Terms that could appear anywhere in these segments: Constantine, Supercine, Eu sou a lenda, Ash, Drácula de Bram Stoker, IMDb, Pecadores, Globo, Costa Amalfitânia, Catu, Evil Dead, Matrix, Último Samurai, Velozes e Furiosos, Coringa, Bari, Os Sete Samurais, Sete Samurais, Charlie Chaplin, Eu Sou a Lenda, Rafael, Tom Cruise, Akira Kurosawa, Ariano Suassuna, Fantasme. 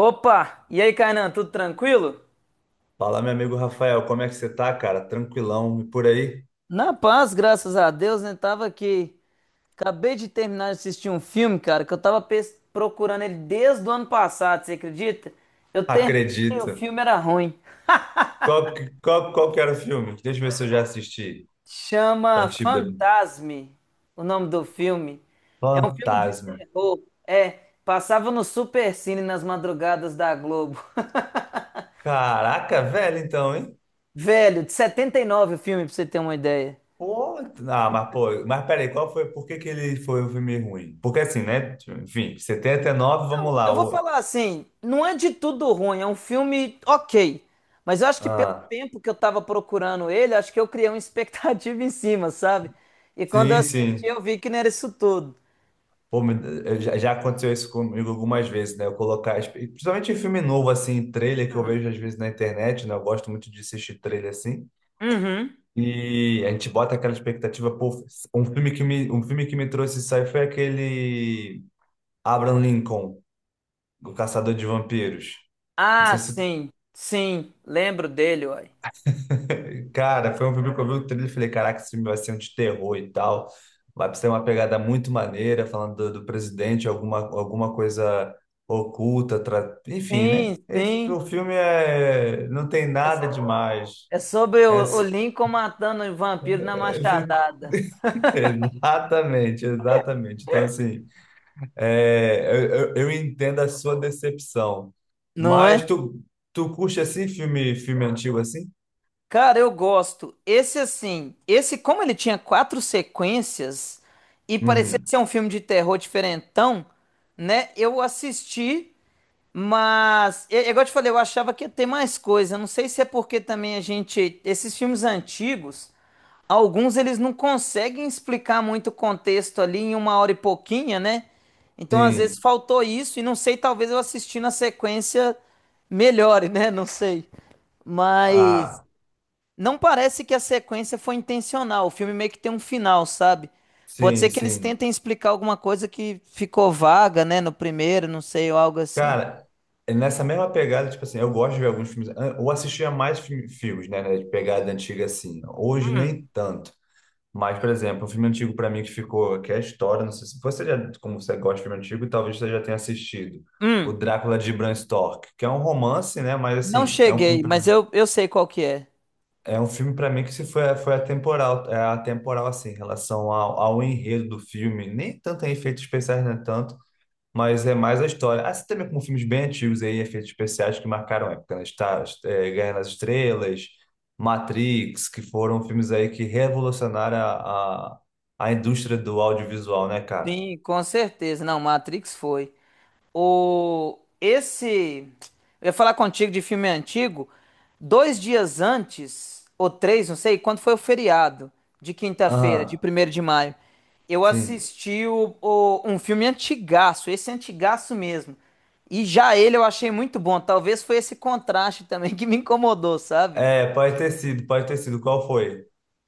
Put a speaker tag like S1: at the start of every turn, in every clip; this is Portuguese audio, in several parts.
S1: Opa! E aí, Kainan, tudo tranquilo?
S2: Fala, meu amigo Rafael, como é que você tá, cara? Tranquilão, e por aí?
S1: Na paz, graças a Deus, né? Tava aqui. Acabei de terminar de assistir um filme, cara, que eu tava procurando ele desde o ano passado, você acredita? Eu terminei, o
S2: Acredito.
S1: filme era ruim.
S2: Qual, qual, qual que era o filme? Deixa eu ver se eu já assisti.
S1: Chama
S2: Antibia-
S1: Fantasme, o nome do filme. É um filme de
S2: Fantasma.
S1: terror. É, passava no Supercine nas madrugadas da Globo.
S2: Caraca, velho, então, hein?
S1: Velho, de 79 o filme, pra você ter uma ideia.
S2: Pô, ah, mas pô, mas peraí, qual foi, por que que ele foi um filme ruim? Porque assim, né? Enfim, 79, vamos
S1: Eu
S2: lá.
S1: vou falar assim, não é de tudo ruim, é um filme ok, mas eu acho que pelo
S2: Ah,
S1: tempo que eu tava procurando ele, acho que eu criei uma expectativa em cima, sabe? E quando eu
S2: sim,
S1: assisti,
S2: sim.
S1: eu vi que não era isso tudo.
S2: Pô, eu já aconteceu isso comigo algumas vezes, né? Eu colocar, principalmente em filme novo, assim, trailer que eu vejo às vezes na internet, né? Eu gosto muito de assistir trailer assim.
S1: Uhum.
S2: E a gente bota aquela expectativa, pô, um filme que me trouxe isso aí foi aquele Abraham Lincoln, O Caçador de Vampiros. Não
S1: Ah,
S2: sei se.
S1: sim, sim, lembro dele, uai.
S2: Cara, foi um filme que eu vi o trailer e falei, caraca, esse filme vai ser um de terror e tal. Vai ser uma pegada muito maneira, falando do presidente, alguma coisa oculta, enfim, né?
S1: Sim,
S2: E
S1: sim.
S2: o filme é... não tem
S1: É
S2: nada demais.
S1: é sobre
S2: É,
S1: o
S2: s-
S1: Lincoln matando o vampiro na
S2: é, fico-
S1: machadada,
S2: Exatamente, exatamente. Então, assim, é, eu, eu entendo a sua decepção.
S1: não é?
S2: Mas tu curte assim filme antigo assim?
S1: Cara, eu gosto. Esse assim, esse como ele tinha quatro sequências e parecia
S2: Uhum.
S1: ser um filme de terror diferentão, né? Eu assisti, mas é igual eu te falei, eu achava que ia ter mais coisa. Não sei se é porque também a gente, esses filmes antigos, alguns eles não conseguem explicar muito o contexto ali em uma hora e pouquinha, né? Então às vezes
S2: Sim.
S1: faltou isso e não sei, talvez eu assistindo a sequência melhore, né? Não sei. Mas
S2: Ah.
S1: não parece que a sequência foi intencional. O filme meio que tem um final, sabe? Pode
S2: Sim,
S1: ser que eles
S2: sim.
S1: tentem explicar alguma coisa que ficou vaga, né, no primeiro, não sei, ou algo assim.
S2: Cara, é nessa mesma pegada, tipo assim, eu gosto de ver alguns filmes, ou assistia mais filmes, né, de pegada antiga assim. Hoje nem tanto. Mas, por exemplo, um filme antigo pra mim que ficou, que é a história, não sei se você já, como você gosta de filme antigo, talvez você já tenha assistido. O
S1: Hum,
S2: Drácula de Bram Stoker, que é um romance, né, mas
S1: não
S2: assim,
S1: cheguei, mas eu sei qual que é.
S2: é um filme para mim que se foi, foi atemporal, é atemporal assim, em relação ao enredo do filme, nem tanto em efeitos especiais, né, tanto. Mas é mais a história. Assim também como filmes bem antigos aí, efeitos especiais que marcaram a época, né? Guerra nas Estrelas, Matrix, que foram filmes aí que revolucionaram a indústria do audiovisual, né, cara?
S1: Sim, com certeza. Não, Matrix foi. O esse, eu ia falar contigo de filme antigo. Dois dias antes, ou três, não sei, quando foi o feriado de quinta-feira, de
S2: Aham,
S1: 1º de maio, eu
S2: sim.
S1: assisti um filme antigaço, esse antigaço mesmo. E já ele eu achei muito bom. Talvez foi esse contraste também que me incomodou, sabe?
S2: É, pode ter sido, pode ter sido. Qual foi?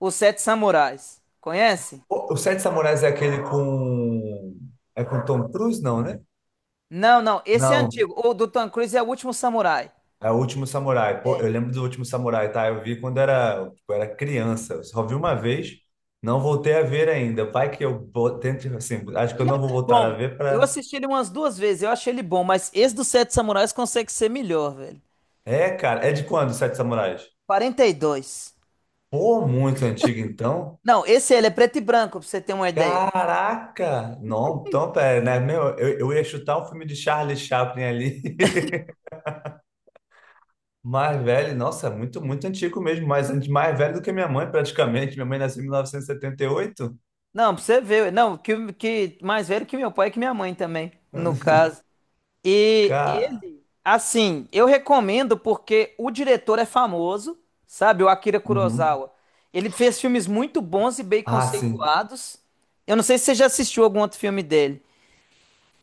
S1: Os Sete Samurais. Conhece?
S2: O Sete Samurais é aquele com... É com Tom Cruise, não, né?
S1: Não, não, esse é
S2: Não.
S1: antigo. O do Tom Cruise é o Último Samurai.
S2: É o Último Samurai. Pô, eu lembro do Último Samurai, tá? Eu vi quando era, tipo, era criança. Eu só vi uma vez, não voltei a ver ainda. Vai que tento, assim, acho que eu
S1: Ele é
S2: não vou
S1: até
S2: voltar a
S1: bom.
S2: ver
S1: Eu
S2: pra...
S1: assisti ele umas duas vezes, eu achei ele bom, mas esse dos Sete Samurais consegue ser melhor, velho.
S2: É, cara, é de quando, os Sete Samurais?
S1: 42.
S2: Pô, muito antigo, então.
S1: Não, esse ele é preto e branco, pra você ter uma ideia.
S2: Caraca! Não, então, pera, né? Meu, eu ia chutar um filme de Charlie Chaplin ali. Mais velho, nossa, muito, muito antigo mesmo. Mais velho do que minha mãe, praticamente. Minha mãe nasceu em mil novecentos e setenta e oito.
S1: Não, pra você ver. Não, que mais velho que meu pai e que minha mãe também, no caso. E
S2: Cara...
S1: ele, assim, eu recomendo porque o diretor é famoso, sabe? O Akira Kurosawa. Ele fez filmes muito bons e bem
S2: Ah, sim.
S1: conceituados. Eu não sei se você já assistiu algum outro filme dele.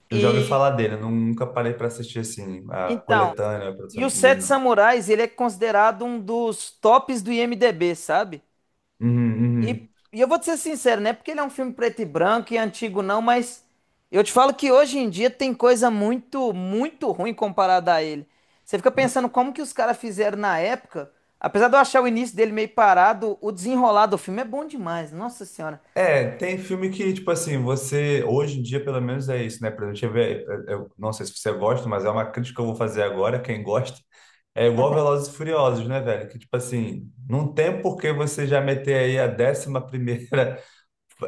S2: Eu já ouvi
S1: E
S2: falar dele. Eu nunca parei para assistir assim a
S1: então,
S2: coletânea, a produção
S1: e o
S2: de filme dele,
S1: Sete
S2: não.
S1: Samurais, ele é considerado um dos tops do IMDb, sabe? E,
S2: Uhum,
S1: e eu vou te ser sincero, não é porque ele é um filme preto e branco e antigo não, mas eu te falo que hoje em dia tem coisa muito, muito ruim comparada a ele. Você fica
S2: uhum.
S1: pensando como que os caras fizeram na época, apesar de eu achar o início dele meio parado, o desenrolar do filme é bom demais, nossa senhora.
S2: É, tem filme que, tipo assim, você. Hoje em dia, pelo menos, é isso, né? Pra gente ver. Eu não sei se você gosta, mas é uma crítica que eu vou fazer agora. Quem gosta. É igual Velozes e Furiosos, né, velho? Que, tipo assim, não tem por que você já meter aí a 11ª.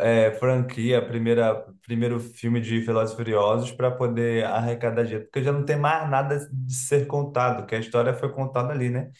S2: É, franquia, primeira, primeiro filme de Velozes e Furiosos para poder arrecadar dinheiro, porque já não tem mais nada de ser contado, que a história foi contada ali, né?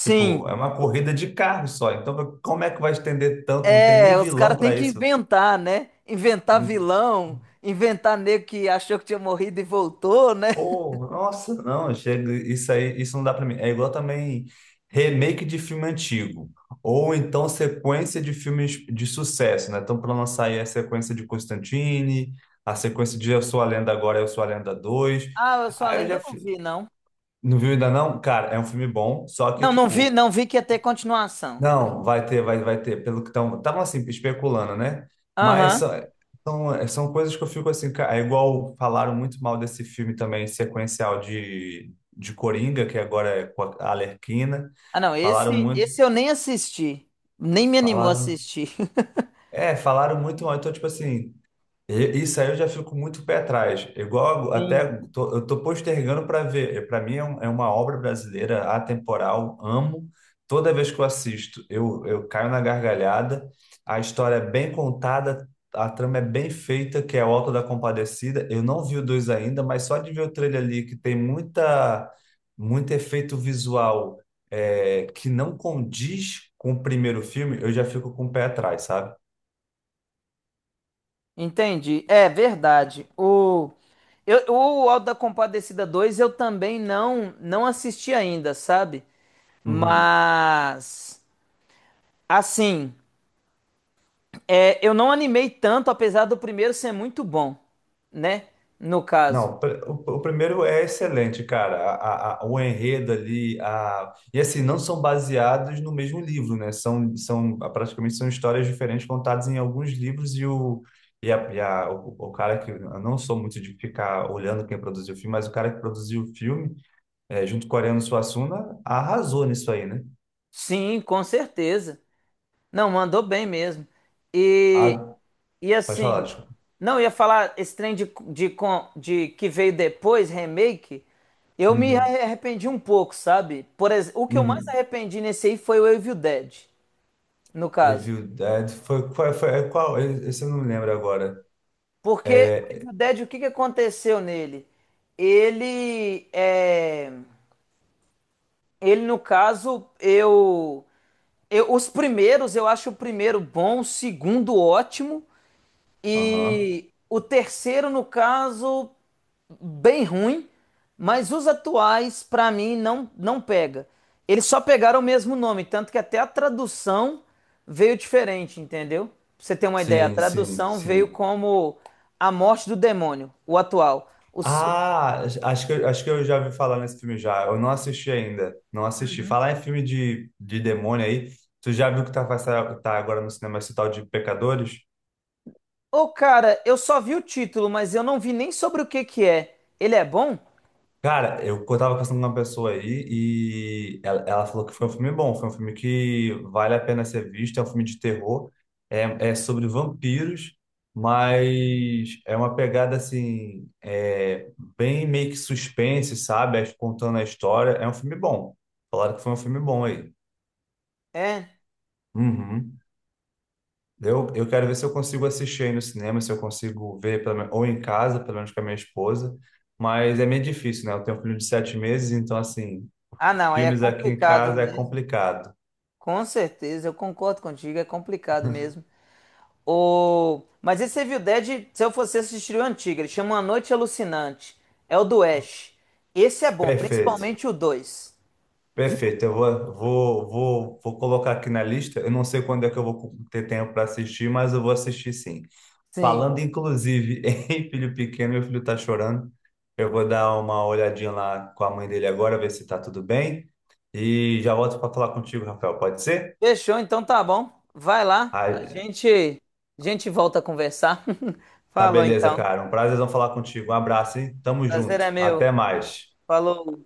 S2: Tipo, é uma corrida de carro só, então como é que vai estender tanto? Não tem nem
S1: é, os
S2: vilão
S1: caras têm
S2: para
S1: que
S2: isso.
S1: inventar, né? Inventar vilão, inventar nego que achou que tinha morrido e voltou, né?
S2: Oh, nossa, não, chega, isso aí, isso não dá pra mim. É igual também remake de filme antigo, ou então sequência de filmes de sucesso, né? Então, para lançar aí a sequência de Constantine, a sequência de Eu Sou a Lenda. Agora, Eu Sou a Lenda 2.
S1: Ah, eu sou a
S2: Aí eu
S1: lenda,
S2: já
S1: eu não
S2: fi-
S1: vi, não.
S2: não viu ainda não? Cara, é um filme bom, só que
S1: Não, não vi,
S2: tipo,
S1: não vi que ia ter continuação.
S2: não, vai ter, vai ter, pelo que estão, estavam assim, especulando, né? Mas
S1: Aham.
S2: são coisas que eu fico assim, é igual falaram muito mal desse filme também, sequencial de Coringa, que agora é com a Arlequina,
S1: Ah, não,
S2: falaram
S1: esse,
S2: muito,
S1: esse eu nem assisti. Nem me animou a
S2: falaram,
S1: assistir.
S2: falaram muito mal, então tipo assim, Isso aí eu já fico muito pé atrás. Igual até
S1: Sim.
S2: eu tô postergando para ver. Para mim é, é uma obra brasileira atemporal. Amo. Toda vez que eu assisto, eu caio na gargalhada. A história é bem contada, a trama é bem feita, que é o Auto da Compadecida. Eu não vi o dois ainda, mas só de ver o trailer ali que tem muita muito efeito visual, é, que não condiz com o primeiro filme, eu já fico com o pé atrás, sabe?
S1: Entendi. É verdade. O Auto da Compadecida 2 eu também não, não assisti ainda, sabe?
S2: Uhum.
S1: Mas, assim, é, eu não animei tanto, apesar do primeiro ser muito bom, né? No caso.
S2: Não, o primeiro é excelente, cara. O enredo ali, a, e assim, não são baseados no mesmo livro, né? São praticamente são histórias diferentes contadas em alguns livros e a, o cara que eu não sou muito de ficar olhando quem produziu o filme, mas o cara que produziu o filme, é, junto com o Ariano Suassuna, arrasou nisso aí, né?
S1: Sim, com certeza. Não, mandou bem mesmo.
S2: A,
S1: E, e
S2: pode falar,
S1: assim,
S2: desculpa.
S1: não eu ia falar esse trem de de que veio depois, remake, eu me
S2: Uhum,
S1: arrependi um pouco, sabe? Por exemplo, o que eu mais
S2: uhum.
S1: arrependi nesse aí foi o Evil Dead, no caso.
S2: Evil Dead foi, foi é qual? Esse eu não lembro agora.
S1: Porque o
S2: É,
S1: Evil Dead, o que que aconteceu nele? Ele é, ele no caso, eu, os primeiros, eu acho o primeiro bom, o segundo ótimo
S2: aham.
S1: e o terceiro no caso bem ruim, mas os atuais, pra mim, não, não pega. Eles só pegaram o mesmo nome, tanto que até a tradução veio diferente, entendeu? Pra você ter uma ideia, a
S2: Sim, sim,
S1: tradução veio
S2: sim.
S1: como A Morte do Demônio, o atual.
S2: Ah, acho que, acho que eu já ouvi falar nesse filme já. Eu não assisti ainda. Não assisti. Falar em filme de demônio aí. Tu já viu que tá, tá agora no cinema esse tal de Pecadores?
S1: Ô, cara, eu só vi o título, mas eu não vi nem sobre o que que é. Ele é bom?
S2: Cara, eu tava conversando com uma pessoa aí e ela falou que foi um filme bom, foi um filme que vale a pena ser visto, é um filme de terror, é sobre vampiros, mas é uma pegada assim, é, bem meio que suspense, sabe? É, contando a história, é um filme bom. Falaram que foi um filme bom aí.
S1: É.
S2: Uhum. Eu quero ver se eu consigo assistir aí no cinema, se eu consigo ver, pelo menos, ou em casa, pelo menos com a minha esposa, mas é meio difícil, né? Eu tenho um filho de 7 meses, então assim.
S1: Ah, não, aí é
S2: Filmes aqui em
S1: complicado
S2: casa é
S1: mesmo.
S2: complicado.
S1: Com certeza, eu concordo contigo, é complicado mesmo. Mas esse Evil Dead, se eu fosse assistir o antigo, ele chama A Noite Alucinante. É o do Ash. Esse é bom,
S2: Perfeito,
S1: principalmente o dois. Viu?
S2: perfeito. Eu vou colocar aqui na lista. Eu não sei quando é que eu vou ter tempo para assistir, mas eu vou assistir sim.
S1: Sim.
S2: Falando inclusive em filho pequeno, meu filho está chorando. Eu vou dar uma olhadinha lá com a mãe dele agora, ver se está tudo bem. E já volto para falar contigo, Rafael. Pode ser?
S1: Fechou, então tá bom. Vai lá,
S2: Ah,
S1: a gente volta a conversar.
S2: tá
S1: Falou
S2: beleza,
S1: então.
S2: cara. Um prazer falar contigo. Um abraço, hein? Tamo
S1: Prazer
S2: junto.
S1: é meu.
S2: Até mais.
S1: Falou.